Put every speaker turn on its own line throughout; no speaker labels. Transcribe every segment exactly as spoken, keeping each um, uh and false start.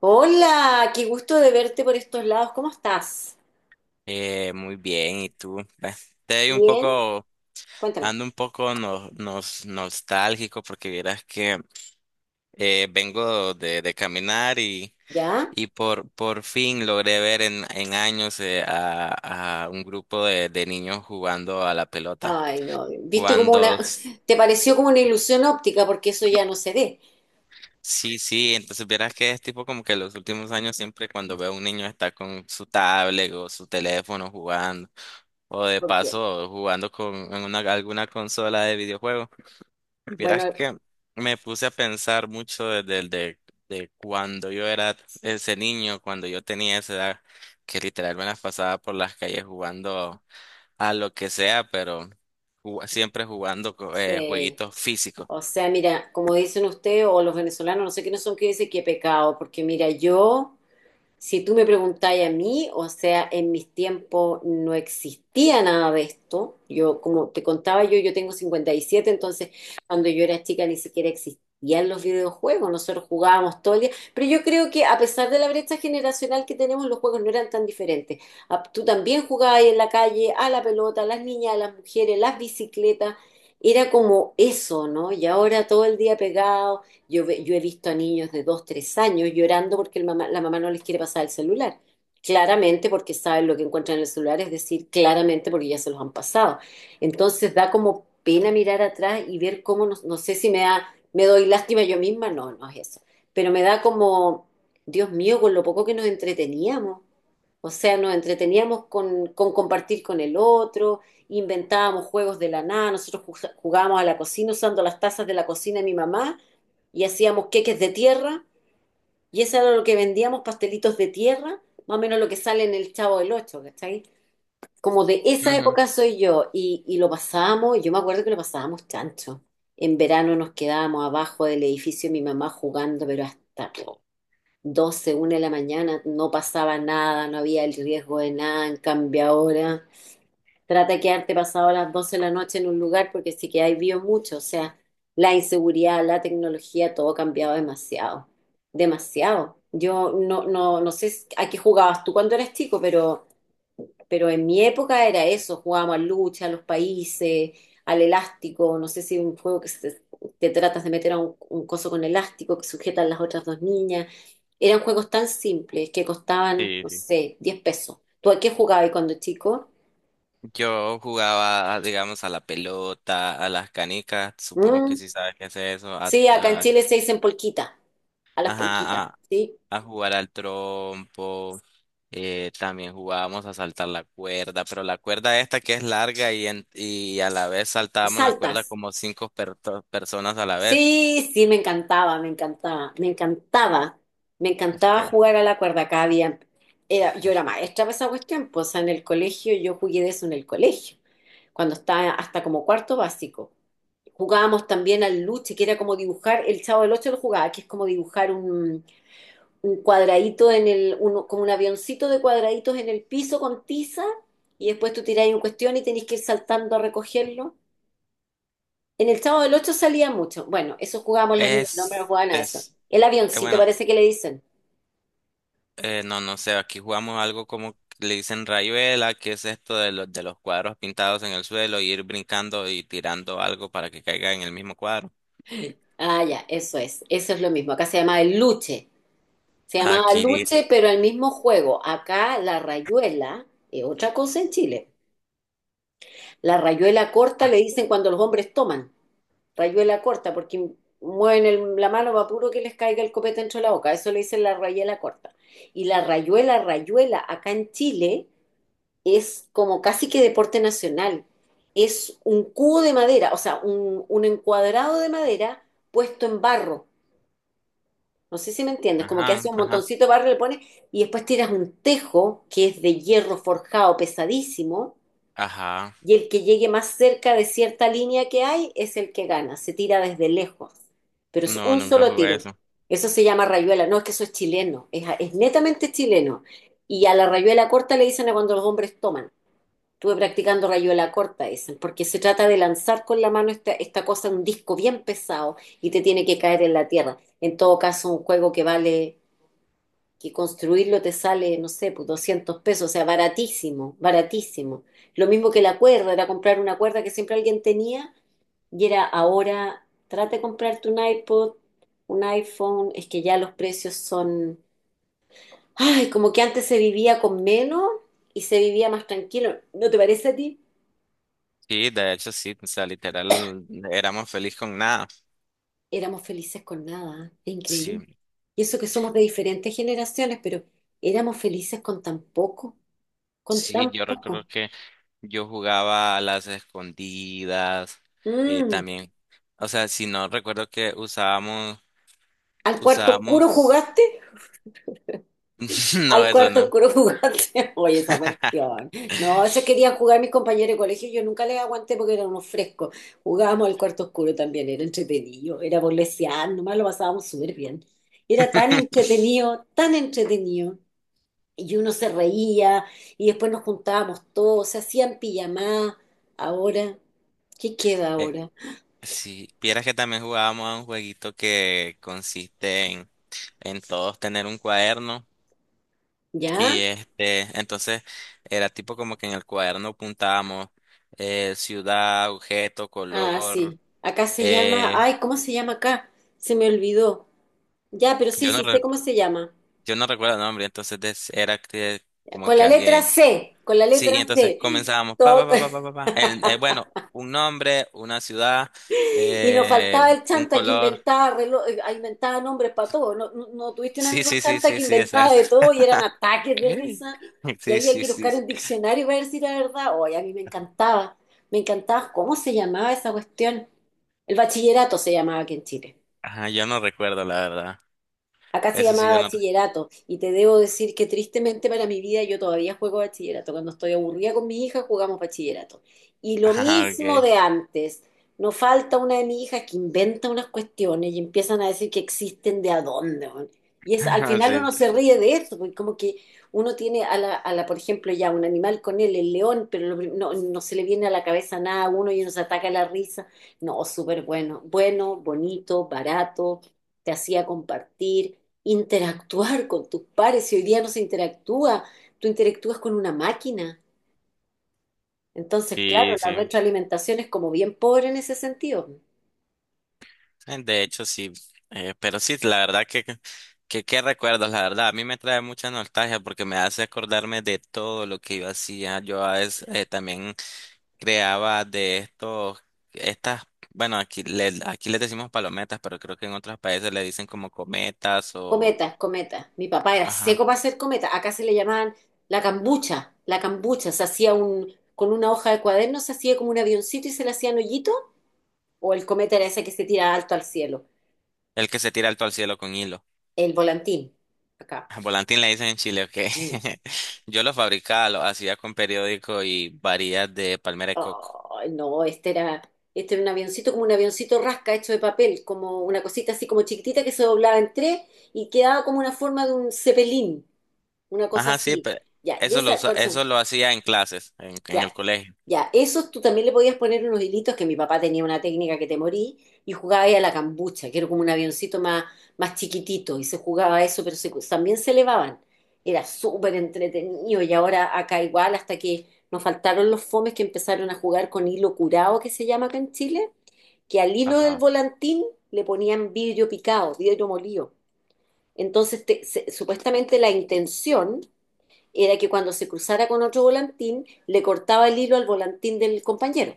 Hola, qué gusto de verte por estos lados. ¿Cómo estás?
Eh, muy bien, ¿y tú? Ve, estoy un
Bien,
poco,
cuéntame.
ando un poco no- nos, nostálgico porque vieras que eh, vengo de, de caminar y,
¿Ya?
y por, por fin logré ver en, en años eh, a, a un grupo de, de niños jugando a la pelota.
Ay, no, viste como
Cuando,
una,
s-
te pareció como una ilusión óptica porque eso ya no se ve,
sí, sí, entonces vieras que es tipo como que los últimos años siempre cuando veo a un niño está con su tablet o su teléfono jugando o de
por Dios.
paso jugando con en una, alguna consola de videojuegos. Vieras
Bueno,
que me puse a pensar mucho desde el de, de cuando yo era ese niño, cuando yo tenía esa edad, que literal me las pasaba por las calles jugando a lo que sea, pero ju- siempre jugando co- eh,
sí.
jueguitos físicos.
O sea, mira, como dicen ustedes o los venezolanos, no sé quiénes son que dicen qué pecado, porque mira, yo Si tú me preguntáis a mí, o sea, en mis tiempos no existía nada de esto. Yo, como te contaba yo, yo tengo cincuenta y siete, entonces cuando yo era chica ni siquiera existían los videojuegos, nosotros jugábamos todo el día. Pero yo creo que a pesar de la brecha generacional que tenemos, los juegos no eran tan diferentes. Ah, tú también jugabas en la calle, a la pelota, las niñas, a las mujeres, las bicicletas. Era como eso, ¿no? Y ahora todo el día pegado. Yo, ve- yo he visto a niños de dos, tres años llorando porque el mamá- la mamá no les quiere pasar el celular. Claramente porque saben lo que encuentran en el celular, es decir, claramente porque ya se los han pasado. Entonces da como pena mirar atrás y ver cómo, no, no sé si me da, me doy lástima yo misma, no, no es eso. Pero me da como, Dios mío, con lo poco que nos entreteníamos. O sea, nos entreteníamos con, con compartir con el otro, inventábamos juegos de la nada, nosotros ju- jugábamos a la cocina usando las tazas de la cocina de mi mamá y hacíamos queques de tierra y eso era lo que vendíamos, pastelitos de tierra, más o menos lo que sale en el Chavo del Ocho, ¿cachai? Como de esa
Ujú.
época soy yo y, y lo pasábamos, yo me acuerdo que lo pasábamos chancho. En verano nos quedábamos abajo del edificio de mi mamá jugando, pero hasta po, doce una de la mañana no pasaba nada, no había el riesgo de nada, en cambio ahora trata de quedarte pasado las doce de la noche en un lugar porque sí que hay vio mucho. O sea, la inseguridad, la tecnología, todo ha cambiado demasiado. Demasiado. Yo no, no, no sé a qué jugabas tú cuando eras chico, pero, pero en mi época era eso. Jugábamos a lucha, a los países, al elástico. No sé si un juego que se- te tratas de meter a un, un coso con elástico que sujetan las otras dos niñas. Eran juegos tan simples que costaban,
Sí,
no
sí.
sé, diez pesos. ¿Tú a qué jugabas cuando chico?
Yo jugaba, digamos, a la pelota, a las canicas, supongo que
Mm,
sí sabes qué es eso, a-
sí, acá en
a-
Chile se dicen polquita, a las polquitas,
ajá,
¿sí?
a jugar al trompo, eh, también jugábamos a saltar la cuerda, pero la cuerda esta que es larga y, en- y a la vez
Y
saltábamos la cuerda
saltas.
como cinco perto- personas a la vez.
Sí, sí, me encantaba, me encantaba, me encantaba, me encantaba
Eh,
jugar a la cuerda. Cada día era, yo era maestra para esa cuestión, pues, o sea, en el colegio, yo jugué de eso en el colegio, cuando estaba hasta como cuarto básico. Jugábamos también al luche, que era como dibujar, el Chavo del Ocho lo jugaba, que es como dibujar un, un cuadradito en el, uno- como un avioncito de cuadraditos en el piso con tiza y después tú tiráis un cuestión y tenéis que ir saltando a recogerlo. En el Chavo del Ocho salía mucho. Bueno, eso jugábamos las niñas, no me lo
Es,
jugaban a eso.
es,
El
eh,
avioncito
bueno,
parece que le dicen.
eh, no, no sé, aquí jugamos algo como le dicen rayuela, que es esto de los, de los cuadros pintados en el suelo, y ir brincando y tirando algo para que caiga en el mismo cuadro.
Ah, ya, eso es, eso es lo mismo. Acá se llamaba el luche. Se llamaba
Aquí,
luche, pero el mismo juego. Acá la rayuela, es otra cosa en Chile. La rayuela corta le dicen cuando los hombres toman. Rayuela corta, porque mueven el- la mano va puro que les caiga el copete dentro de la boca. Eso le dicen la rayuela corta. Y la rayuela, rayuela, acá en Chile es como casi que deporte nacional. Es un cubo de madera, o sea, un, un encuadrado de madera puesto en barro. No sé si me entiendes, como que hace
ajá,
un
ajá,
montoncito de barro, le pones y después tiras un tejo que es de hierro forjado pesadísimo
ajá,
y el que llegue más cerca de cierta línea que hay es el que gana. Se tira desde lejos. Pero es
no,
un
nunca
solo
jugué
tiro.
eso.
Eso se llama rayuela. No es que eso es chileno. Es, es netamente chileno. Y a la rayuela corta le dicen a cuando los hombres toman. Estuve practicando rayuela corta, dicen, porque se trata de lanzar con la mano esta, esta cosa, un disco bien pesado, y te tiene que caer en la tierra. En todo caso, un juego que vale que construirlo te sale, no sé, pues doscientos pesos, o sea, baratísimo, baratísimo. Lo mismo que la cuerda, era comprar una cuerda que siempre alguien tenía y era ahora, trata de comprarte un iPod, un iPhone, es que ya los precios son, ay, como que antes se vivía con menos y se vivía más tranquilo. ¿No te parece a ti?
Sí, de hecho sí, o sea, literal, éramos feliz con nada.
Éramos felices con nada, ¿eh? Es
Sí,
increíble. Y eso que somos de diferentes generaciones, pero éramos felices con tan poco, con
sí,
tan
yo recuerdo
poco.
que yo jugaba a las escondidas, eh,
Mm.
también, o sea, si no recuerdo que usábamos,
¿Al cuarto oscuro
usábamos,
jugaste?
no,
Al
eso
cuarto
no.
oscuro jugaste. Oye, esa cuestión. No, eso querían jugar mis compañeros de colegio. Yo nunca les aguanté porque eran unos frescos. Jugábamos al cuarto oscuro también. Era entretenido. Era burlesear. Nomás lo pasábamos súper bien. Era tan entretenido, tan entretenido. Y uno se reía. Y después nos juntábamos todos. Se hacían pijamadas. Ahora, ¿qué queda
Eh,
ahora?
sí, vieras que también jugábamos a un jueguito que consiste en, en todos tener un cuaderno. Y
¿Ya?
este, entonces era tipo como que en el cuaderno apuntábamos eh, ciudad, objeto,
Ah,
color.
sí. Acá se llama.
eh,
Ay, ¿cómo se llama acá? Se me olvidó. Ya, pero sí,
yo no
sí sé
re-
cómo se llama.
yo no recuerdo el nombre, entonces des- era que como
Con
que
la letra
alguien.
C, con la
Sí, y
letra
entonces
C.
comenzábamos pa pa
Todo-
pa pa pa pa. Pa, el- eh, bueno, un nombre, una ciudad,
y nos faltaba
eh,
el
un
chanta que
color.
inventaba, relo- eh, inventaba nombres para todo. ¿No, no, no tuviste un
Sí,
amigo
sí, sí,
chanta
sí,
que
sí,
inventaba
exacto.
de todo y eran ataques de
Ey.
risa? Y
Sí,
había
sí,
que ir a
sí.
buscar un diccionario para ver si era verdad. Oye, a mí me encantaba. Me encantaba. ¿Cómo se llamaba esa cuestión? El bachillerato se llamaba aquí en Chile.
Ajá, yo no recuerdo la verdad.
Acá se
Eso sí
llamaba
yo no.
bachillerato y te debo decir que tristemente para mi vida yo todavía juego bachillerato. Cuando estoy aburrida con mi hija jugamos bachillerato. Y lo
Ajá,
mismo
okay.
de antes. No falta una de mis hijas que inventa unas cuestiones y empiezan a decir que existen de a dónde weón. Y es, al final
Sí,
uno se ríe de eso porque como que uno tiene a la, a la, por ejemplo, ya un animal con él, el león, pero lo prim- no, no se le viene a la cabeza nada a uno y uno se ataca la risa. No, súper bueno. Bueno, bonito, barato, te hacía compartir interactuar con tus pares. Si hoy día no se interactúa, tú interactúas con una máquina. Entonces, claro,
sí,
la
sí.
retroalimentación es como bien pobre en ese sentido.
Eh, De hecho, sí, eh, pero sí, la verdad que, que, qué recuerdos, la verdad, a mí me trae mucha nostalgia porque me hace acordarme de todo lo que yo hacía. Yo a veces eh, también creaba de estos, estas, bueno, aquí le, aquí les decimos palometas, pero creo que en otros países le dicen como cometas o,
Cometas, cometas. Mi papá era
ajá,
seco para hacer cometas. Acá se le llamaban la cambucha. La cambucha se hacía un, con una hoja de cuaderno, se hacía como un avioncito y se le hacían hoyito. O el cometa era ese que se tira alto al cielo.
el que se tira alto al cielo con hilo.
El volantín, acá.
Volantín le dicen en Chile, ok.
Mm.
Yo lo fabricaba, lo hacía con periódico y varillas de palmera de coco.
Ay, no, este era, este era un avioncito como un avioncito rasca hecho de papel, como una cosita así como chiquitita que se doblaba en tres y quedaba como una forma de un cepelín, una cosa
Ajá, sí,
así.
pero
Ya, y
eso lo
esa,
usa-
con-
eso lo hacía en clases, en, en
ya,
el colegio.
ya. Esos tú también le podías poner unos hilitos, que mi papá tenía una técnica que te morí, y jugaba ahí a la cambucha, que era como un avioncito más, más chiquitito, y se jugaba a eso, pero se- también se elevaban. Era súper entretenido, y ahora acá igual, hasta que nos faltaron los fomes que empezaron a jugar con hilo curado, que se llama acá en Chile, que al hilo del
Ajá.
volantín le ponían vidrio picado, vidrio molido. Entonces, te- se- supuestamente la intención era que cuando se cruzara con otro volantín, le cortaba el hilo al volantín del compañero,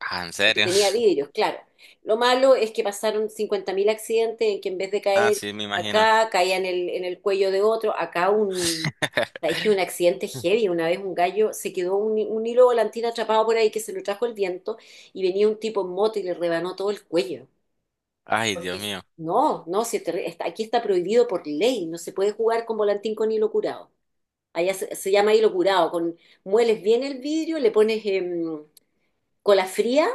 Ah, ¿en
porque
serio?
tenía vidrios, claro. Lo malo es que pasaron cincuenta mil accidentes en que en vez de
Ah,
caer
sí, me imagino.
acá, caía en el, en el cuello de otro, acá un... Es que un accidente heavy, una vez un gallo se quedó un, un hilo volantín atrapado por ahí que se lo trajo el viento y venía un tipo en moto y le rebanó todo el cuello.
Ay,
Porque
Dios
es-
mío.
no, no, si te- está- aquí está prohibido por ley, no se puede jugar con volantín con hilo curado. Allá se, se llama hilo curado. Con, mueles bien el vidrio, le pones em, cola fría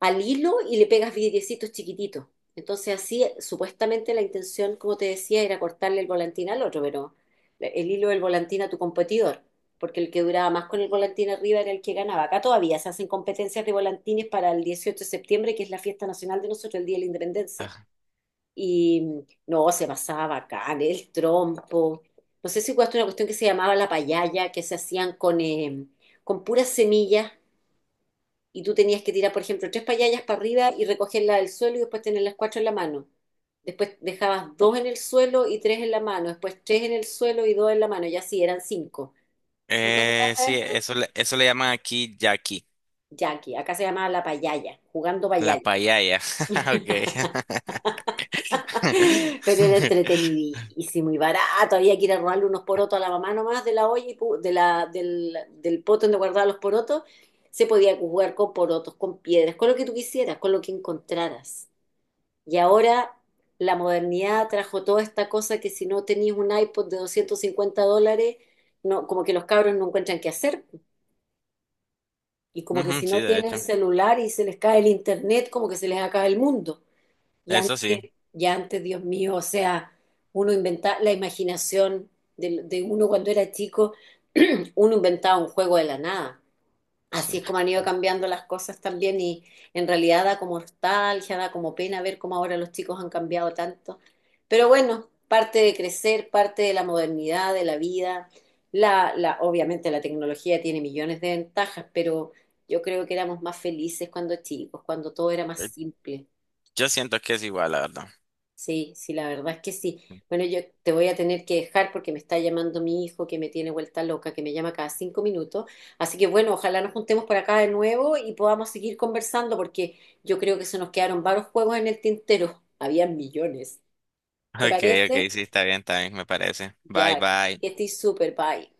al hilo y le pegas vidriecitos chiquititos. Entonces así, supuestamente la intención, como te decía, era cortarle el volantín al otro, pero el hilo del volantín a tu competidor, porque el que duraba más con el volantín arriba era el que ganaba. Acá todavía se hacen competencias de volantines para el dieciocho de septiembre, que es la fiesta nacional de nosotros, el Día de la Independencia.
Ah,
Y mm, no, se pasaba bacán, el trompo. No sé si jugaste una cuestión que se llamaba la payaya, que se hacían con, eh, con puras semillas y tú tenías que tirar, por ejemplo, tres payayas para arriba y recogerlas del suelo y después tener las cuatro en la mano. Después dejabas dos en el suelo y tres en la mano, después tres en el suelo y dos en la mano, ya así eran cinco. ¿Nunca
Eh,
jugaste a
sí,
eso?
eso le, eso le llaman aquí Jackie,
Jackie, acá se llamaba la payaya, jugando
la
payaya.
payaya. Okay.
Pero era entretenidísimo y barato. Había que ir a robarle unos porotos a la mamá nomás de la olla y pu- de la, del, del poto donde guardaba los porotos. Se podía jugar con porotos, con piedras, con lo que tú quisieras, con lo que encontraras. Y ahora la modernidad trajo toda esta cosa que si no tenías un iPod de doscientos cincuenta dólares, no, como que los cabros no encuentran qué hacer. Y como que
Ujú,
si
sí,
no
de
tienen
hecho.
celular y se les cae el internet, como que se les acaba el mundo. Y
Eso sí,
antes, ya antes, Dios mío, o sea, uno inventaba la imaginación de, de uno cuando era chico, uno inventaba un juego de la nada.
sí.
Así es como han ido cambiando las cosas también y en realidad da como nostalgia, da como pena ver cómo ahora los chicos han cambiado tanto. Pero bueno, parte de crecer, parte de la modernidad, de la vida. La, la, obviamente la tecnología tiene millones de ventajas, pero yo creo que éramos más felices cuando chicos, cuando todo era más
Eh,
simple.
Yo siento que es igual, la verdad.
Sí, sí, la verdad es que sí. Bueno, yo te voy a tener que dejar porque me está llamando mi hijo que me tiene vuelta loca, que me llama cada cinco minutos. Así que bueno, ojalá nos juntemos por acá de nuevo y podamos seguir conversando porque yo creo que se nos quedaron varios juegos en el tintero. Habían millones. ¿Te
Okay, okay,
parece?
sí, está bien, está bien, me parece. Bye,
Ya,
bye.
que estoy súper, bye.